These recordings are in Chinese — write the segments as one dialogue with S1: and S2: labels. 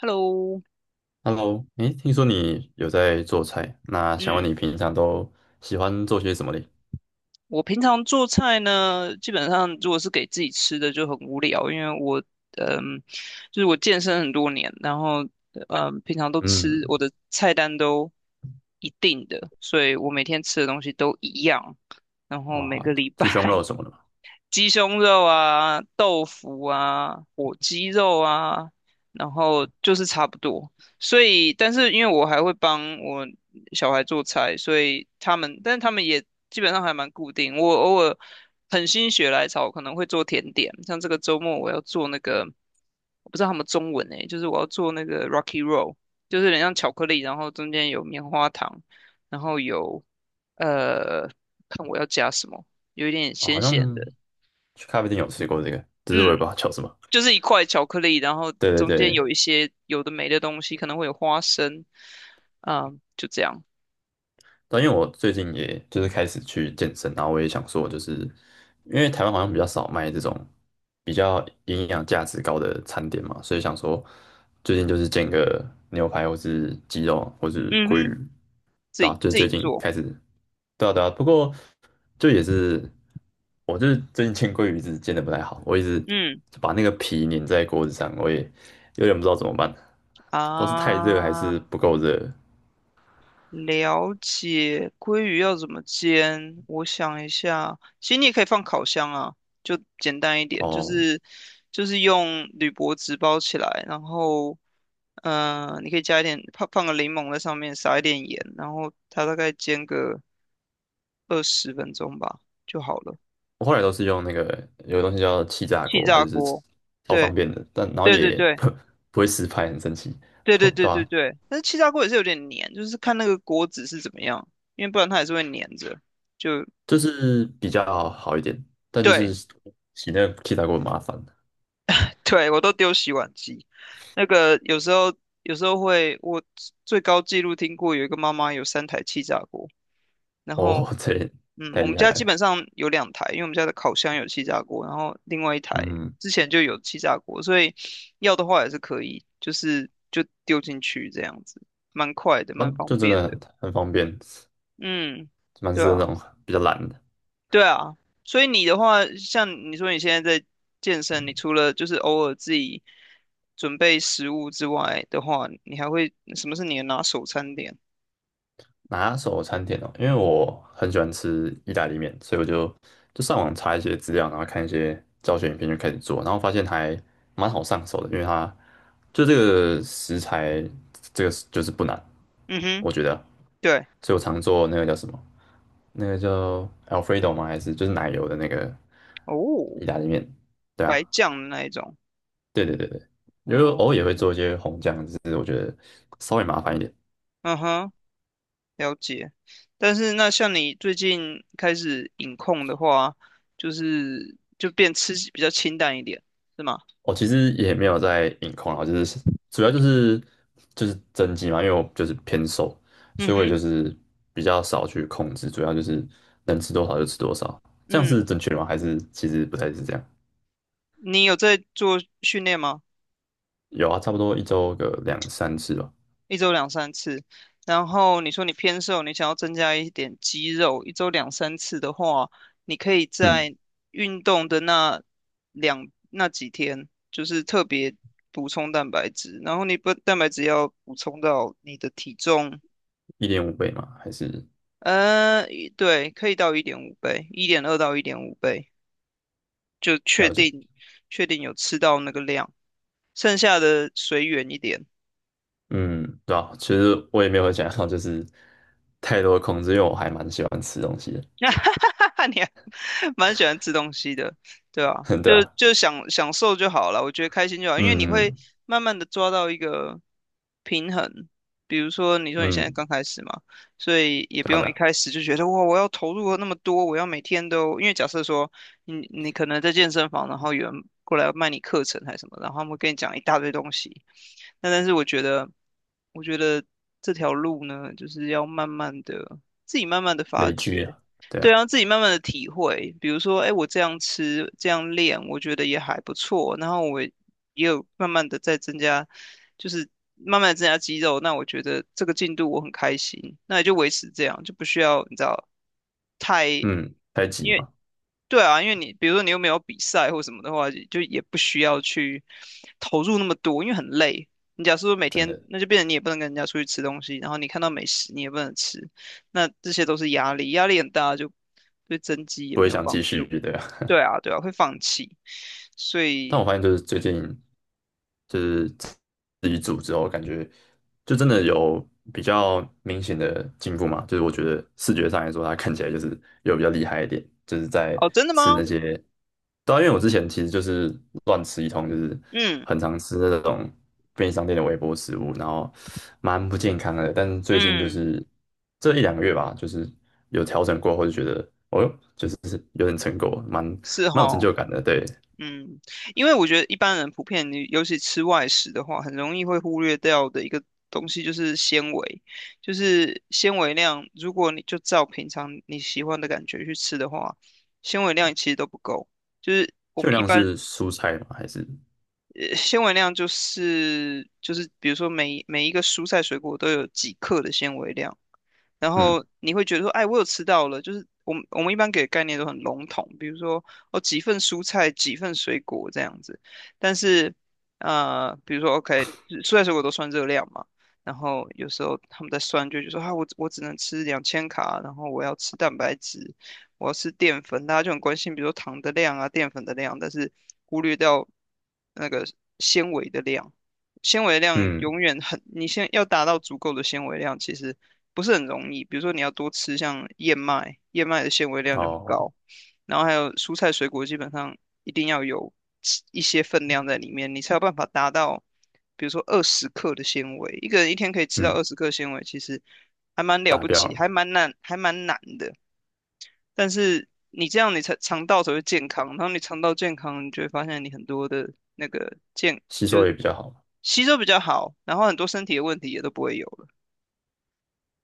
S1: Hello，
S2: OK，Hello，诶，听说你有在做菜，那想问
S1: 嗯，
S2: 你平常都喜欢做些什么嘞？
S1: 我平常做菜呢，基本上如果是给自己吃的就很无聊，因为我，嗯，就是我健身很多年，然后，平常都吃
S2: 嗯，
S1: 我的菜单都一定的，所以我每天吃的东西都一样，然后每
S2: 啊，
S1: 个礼
S2: 鸡胸
S1: 拜
S2: 肉什 么的嘛，
S1: 鸡胸肉啊、豆腐啊、火鸡肉啊，然后就是差不多。所以，但是因为我还会帮我小孩做菜，所以他们，但是他们也基本上还蛮固定。我偶尔很心血来潮，可能会做甜点，像这个周末我要做那个，我不知道他们中文诶，就是我要做那个 Rocky Roll，就是有点像巧克力，然后中间有棉花糖，然后有呃，看我要加什么。有一点
S2: 哦，好
S1: 咸咸
S2: 像
S1: 的，
S2: 去咖啡店有吃过这个，只是
S1: 嗯，
S2: 我也不知道叫什么。
S1: 就是一块巧克力，然后
S2: 对对
S1: 中间
S2: 对，
S1: 有一些有的没的东西，可能会有花生，啊、就这样。
S2: 但因为我最近也就是开始去健身，然后我也想说，就是因为台湾好像比较少卖这种比较营养价值高的餐点嘛，所以想说最近就是煎个牛排或是鸡肉或是
S1: 嗯
S2: 鲑
S1: 哼，
S2: 鱼，
S1: 自
S2: 对啊，
S1: 己
S2: 就是
S1: 自
S2: 最
S1: 己
S2: 近
S1: 做。
S2: 开始。对啊对啊，不过就也是，我就是最近煎鲑鱼一直煎的不太好，我一直
S1: 嗯
S2: 就把那个皮粘在锅子上，我也有点不知道怎么办，不知道是太热还是
S1: 啊，
S2: 不够热
S1: 了解。鲑鱼要怎么煎？我想一下，其实你也可以放烤箱啊，就简单一点，就
S2: 哦。
S1: 是就是用铝箔纸包起来，然后你可以加一点放个柠檬在上面，撒一点盐，然后它大概煎个。20分钟吧就好了。
S2: 我后来都是用那个有个东西叫气炸
S1: 气
S2: 锅，它
S1: 炸
S2: 就是
S1: 锅，
S2: 超方
S1: 对
S2: 便的，但然后
S1: 对对
S2: 也
S1: 对
S2: 不会失败，很神奇，
S1: 对对
S2: 哦
S1: 对
S2: 对
S1: 对
S2: 啊，
S1: 对，但是气炸锅也是有点黏，就是看那个锅子是怎么样，因为不然它还是会黏着。就
S2: 就是比较好一点，但就
S1: 对
S2: 是洗那个气炸锅很麻烦
S1: 对，我都丢洗碗机。那个有时候会，我最高纪录听过有一个妈妈有3台气炸锅。然后，
S2: 哦，这也
S1: 嗯，
S2: 太
S1: 我们
S2: 厉害
S1: 家基
S2: 了，
S1: 本上有2台，因为我们家的烤箱有气炸锅，然后另外一台
S2: 嗯，
S1: 之前就有气炸锅，所以要的话也是可以，就是就丢进去这样子，蛮快的，
S2: 啊
S1: 蛮方
S2: 就真
S1: 便
S2: 的
S1: 的。
S2: 很方便。
S1: 嗯，
S2: 蛮
S1: 对
S2: 是
S1: 啊，
S2: 那种比较懒的
S1: 对啊。所以你的话，像你说你现在在健身，你除了就是偶尔自己准备食物之外的话，你还会什么是你的拿手餐点？
S2: 拿手餐点哦，因为我很喜欢吃意大利面，所以我就上网查一些资料，然后看一些教学影片就开始做，然后发现还蛮好上手的，因为它就这个食材这个就是不难，
S1: 嗯哼，
S2: 我觉得，
S1: 对，
S2: 所以我常做那个叫什么，那个叫 Alfredo 吗？还是就是奶油的那个意
S1: 哦，
S2: 大利面？对啊，
S1: 白酱的那一种，
S2: 对对对对，因为偶尔也会
S1: 哦，
S2: 做一些红酱，只是我觉得稍微麻烦一点。
S1: 嗯哼。了解，但是那像你最近开始饮控的话，就是就变吃比较清淡一点，是吗？
S2: 我其实也没有在饮控啊，就是主要就是增肌嘛，因为我就是偏瘦，
S1: 嗯
S2: 所以我也
S1: 哼，
S2: 就是比较少去控制，主要就是能吃多少就吃多少，这样
S1: 嗯，
S2: 是正确的吗？还是其实不太是这样？
S1: 你有在做训练吗？
S2: 有啊，差不多一周个两三次吧，
S1: 一周两三次，然后你说你偏瘦，你想要增加一点肌肉，一周两三次的话，你可以
S2: 嗯，
S1: 在运动的那几天，就是特别补充蛋白质，然后你不蛋白质要补充到你的体重。
S2: 一点五倍嘛，还是
S1: 对，可以到一点五倍，1.2到一点五倍，就确
S2: 了解，
S1: 定确定有吃到那个量，剩下的随缘一点。
S2: 嗯，对啊，其实我也没有想要就是太多控制，因为我还蛮喜欢吃东西的，
S1: 哈哈哈！你还蛮喜欢吃东西的，对啊，就
S2: 对啊，
S1: 就享受就好了，我觉得开心就好，因为你会
S2: 嗯
S1: 慢慢的抓到一个平衡。比如说，你说你现在
S2: 嗯，
S1: 刚开始嘛，所以也不
S2: 对啊对
S1: 用一
S2: 啊
S1: 开始就觉得哇，我要投入那么多，我要每天都，因为假设说你可能在健身房，然后有人过来卖你课程还是什么，然后他们会跟你讲一大堆东西，那但是我觉得这条路呢，就是要慢慢的自己慢慢的发
S2: 累积
S1: 掘。
S2: 啊，对
S1: 对
S2: 啊，
S1: 啊，自己慢慢的体会，比如说，哎，我这样吃，这样练，我觉得也还不错。然后我也有慢慢的在增加，就是慢慢的增加肌肉。那我觉得这个进度我很开心，那也就维持这样，就不需要你知道太，
S2: 嗯，太极
S1: 因为
S2: 嘛。
S1: 对啊，因为你比如说你又没有比赛或什么的话，就也不需要去投入那么多，因为很累。你假如说每
S2: 真
S1: 天，
S2: 的
S1: 那就变成你也不能跟人家出去吃东西，然后你看到美食你也不能吃，那这些都是压力，压力很大，就对增肌也
S2: 不会
S1: 没有
S2: 想继
S1: 帮
S2: 续
S1: 助。
S2: 的。
S1: 对啊，对啊，会放弃。所
S2: 但
S1: 以，
S2: 我发现就是最近就是自己煮之后，感觉就真的有比较明显的进步嘛。就是我觉得视觉上来说，它看起来就是有比较厉害一点，就是在
S1: 哦，真的
S2: 吃
S1: 吗？
S2: 那些，对啊，因为我之前其实就是乱吃一通，就是
S1: 嗯
S2: 很常吃那种便利商店的微波食物，然后蛮不健康的。但是最近就
S1: 嗯，
S2: 是这一两个月吧，就是有调整过后，就觉得哦哟，就是有点成果，蛮
S1: 是
S2: 蛮有成
S1: 哈。
S2: 就感的，对。
S1: 嗯，因为我觉得一般人普遍，你尤其吃外食的话，很容易会忽略掉的一个东西就是纤维，就是纤维量。如果你就照平常你喜欢的感觉去吃的话，纤维量其实都不够。就是我
S2: 秋
S1: 们一
S2: 量
S1: 般，
S2: 是蔬菜吗？还是
S1: 纤维量就是，比如说每一个蔬菜水果都有几克的纤维量，然
S2: 嗯
S1: 后你会觉得说，哎，我有吃到了，就是我们一般给的概念都很笼统，比如说哦几份蔬菜，几份水果这样子。但是比如说 OK，蔬菜水果都算热量嘛，然后有时候他们在算就觉得说啊，我只能吃2000卡，然后我要吃蛋白质，我要吃淀粉，大家就很关心，比如说糖的量啊、淀粉的量，但是忽略掉那个纤维的量。纤维量
S2: 嗯
S1: 永远很，你先要达到足够的纤维量，其实不是很容易。比如说你要多吃像燕麦，燕麦的纤维量就很
S2: 哦
S1: 高，然后还有蔬菜水果基本上一定要有吃一些分量在里面，你才有办法达到，比如说二十克的纤维，一个人一天可以吃到二
S2: 嗯
S1: 十克纤维，其实还蛮了
S2: 达
S1: 不
S2: 标
S1: 起，
S2: 了，
S1: 还蛮难，还蛮难的。但是你这样，你才肠道才会健康，然后你肠道健康，你就会发现你很多的那个健
S2: 吸
S1: 就
S2: 收
S1: 是
S2: 也比较好。
S1: 吸收比较好，然后很多身体的问题也都不会有了。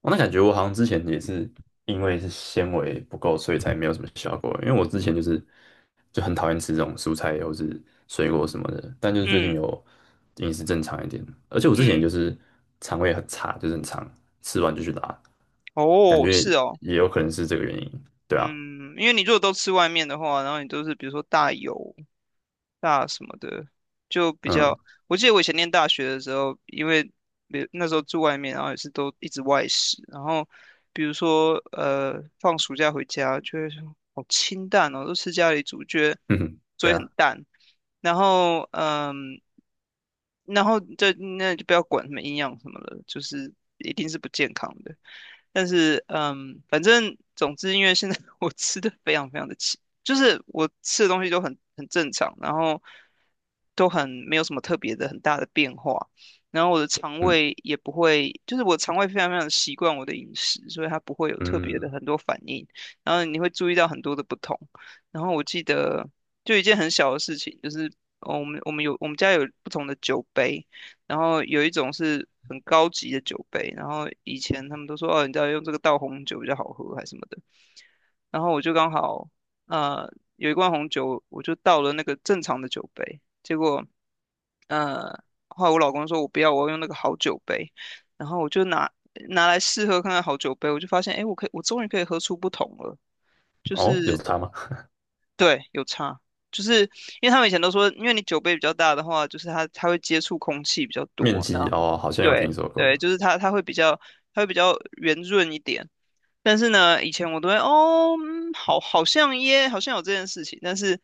S2: 我、那感觉我好像之前也是因为是纤维不够，所以才没有什么效果。因为我之前就是就很讨厌吃这种蔬菜或是水果什么的，但就是最近
S1: 嗯
S2: 有饮食正常一点，而且我之前就
S1: 嗯，
S2: 是肠胃很差，就是很常吃完就去拉，感
S1: 哦，
S2: 觉
S1: 是哦。
S2: 也有可能是这个原因。对啊，
S1: 嗯，因为你如果都吃外面的话，然后你都是比如说大油、大什么的，就比
S2: 嗯
S1: 较。我记得我以前念大学的时候，因为比那时候住外面，然后也是都一直外食，然后比如说放暑假回家就会说好清淡哦，都吃家里煮，觉得
S2: 嗯，
S1: 所
S2: 对
S1: 以很
S2: 啊，
S1: 淡。然后然后就那就不要管什么营养什么了，就是一定是不健康的。但是反正总之，因为现在 我吃的非常非常的奇，就是我吃的东西都很正常，然后都很没有什么特别的很大的变化，然后我的肠
S2: 嗯
S1: 胃也不会，就是我肠胃非常非常地习惯我的饮食，所以它不会有特别的
S2: 嗯，
S1: 很多反应，然后你会注意到很多的不同，然后我记得就一件很小的事情，就是。哦，我们家有不同的酒杯，然后有一种是很高级的酒杯，然后以前他们都说哦，你知道用这个倒红酒比较好喝还是什么的，然后我就刚好呃有一罐红酒，我就倒了那个正常的酒杯，结果后来我老公说我不要，我要用那个好酒杯，然后我就拿来试喝看看好酒杯，我就发现哎，诶我终于可以喝出不同了，就
S2: 哦，有
S1: 是。
S2: 差吗？
S1: 对，有差，就是因为他们以前都说，因为你酒杯比较大的话，就是它会接触空气比较
S2: 面
S1: 多，
S2: 积
S1: 那
S2: 哦，好像有听
S1: 对
S2: 说过，
S1: 对，就是它会比较它会比较圆润一点。但是呢，以前我都会哦，嗯好，好像耶，好像有这件事情。但是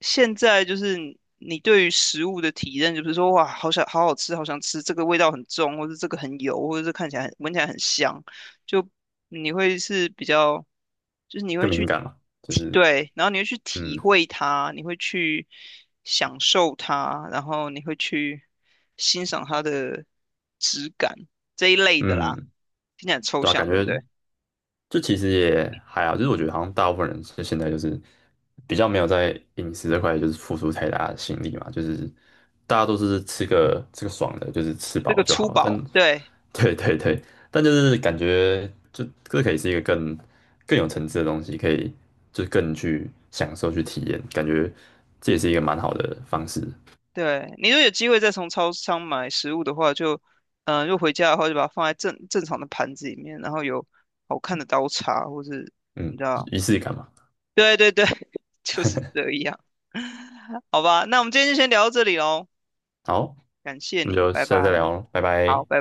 S1: 现在就是你对于食物的体验，就是说哇，好想好好吃，好想吃，这个味道很重，或者这个很油，或者是看起来很闻起来很香，就你会是比较，就是你会
S2: 更敏
S1: 去
S2: 感嘛，就
S1: 体，
S2: 是
S1: 对，然后你会去体
S2: 嗯
S1: 会它，你会去享受它，然后你会去欣赏它的质感这一类的啦，
S2: 嗯，
S1: 听起来很抽
S2: 对啊，感
S1: 象，对不
S2: 觉
S1: 对？
S2: 就其实也还好，就是我觉得好像大部分人就现在就是比较没有在饮食这块就是付出太大的心力嘛，就是大家都是吃个吃个爽的，就是吃
S1: 这
S2: 饱
S1: 个
S2: 就
S1: 粗
S2: 好了。但
S1: 饱，对
S2: 对对对，但就是感觉就这可以是一个更有层次的东西，可以就是更去享受去体验，感觉这也是一个蛮好的方式，
S1: 对，你如果有机会再从超商买食物的话，就如果回家的话，就把它放在正常的盘子里面，然后有好看的刀叉，或是你
S2: 嗯，
S1: 知道，
S2: 仪式感嘛。
S1: 对对对，就是这样，好吧，那我们今天就先聊到这里喽，
S2: 好。
S1: 感谢
S2: 那
S1: 你，
S2: 就
S1: 拜拜，
S2: 下次再聊了，拜拜。
S1: 好，拜拜。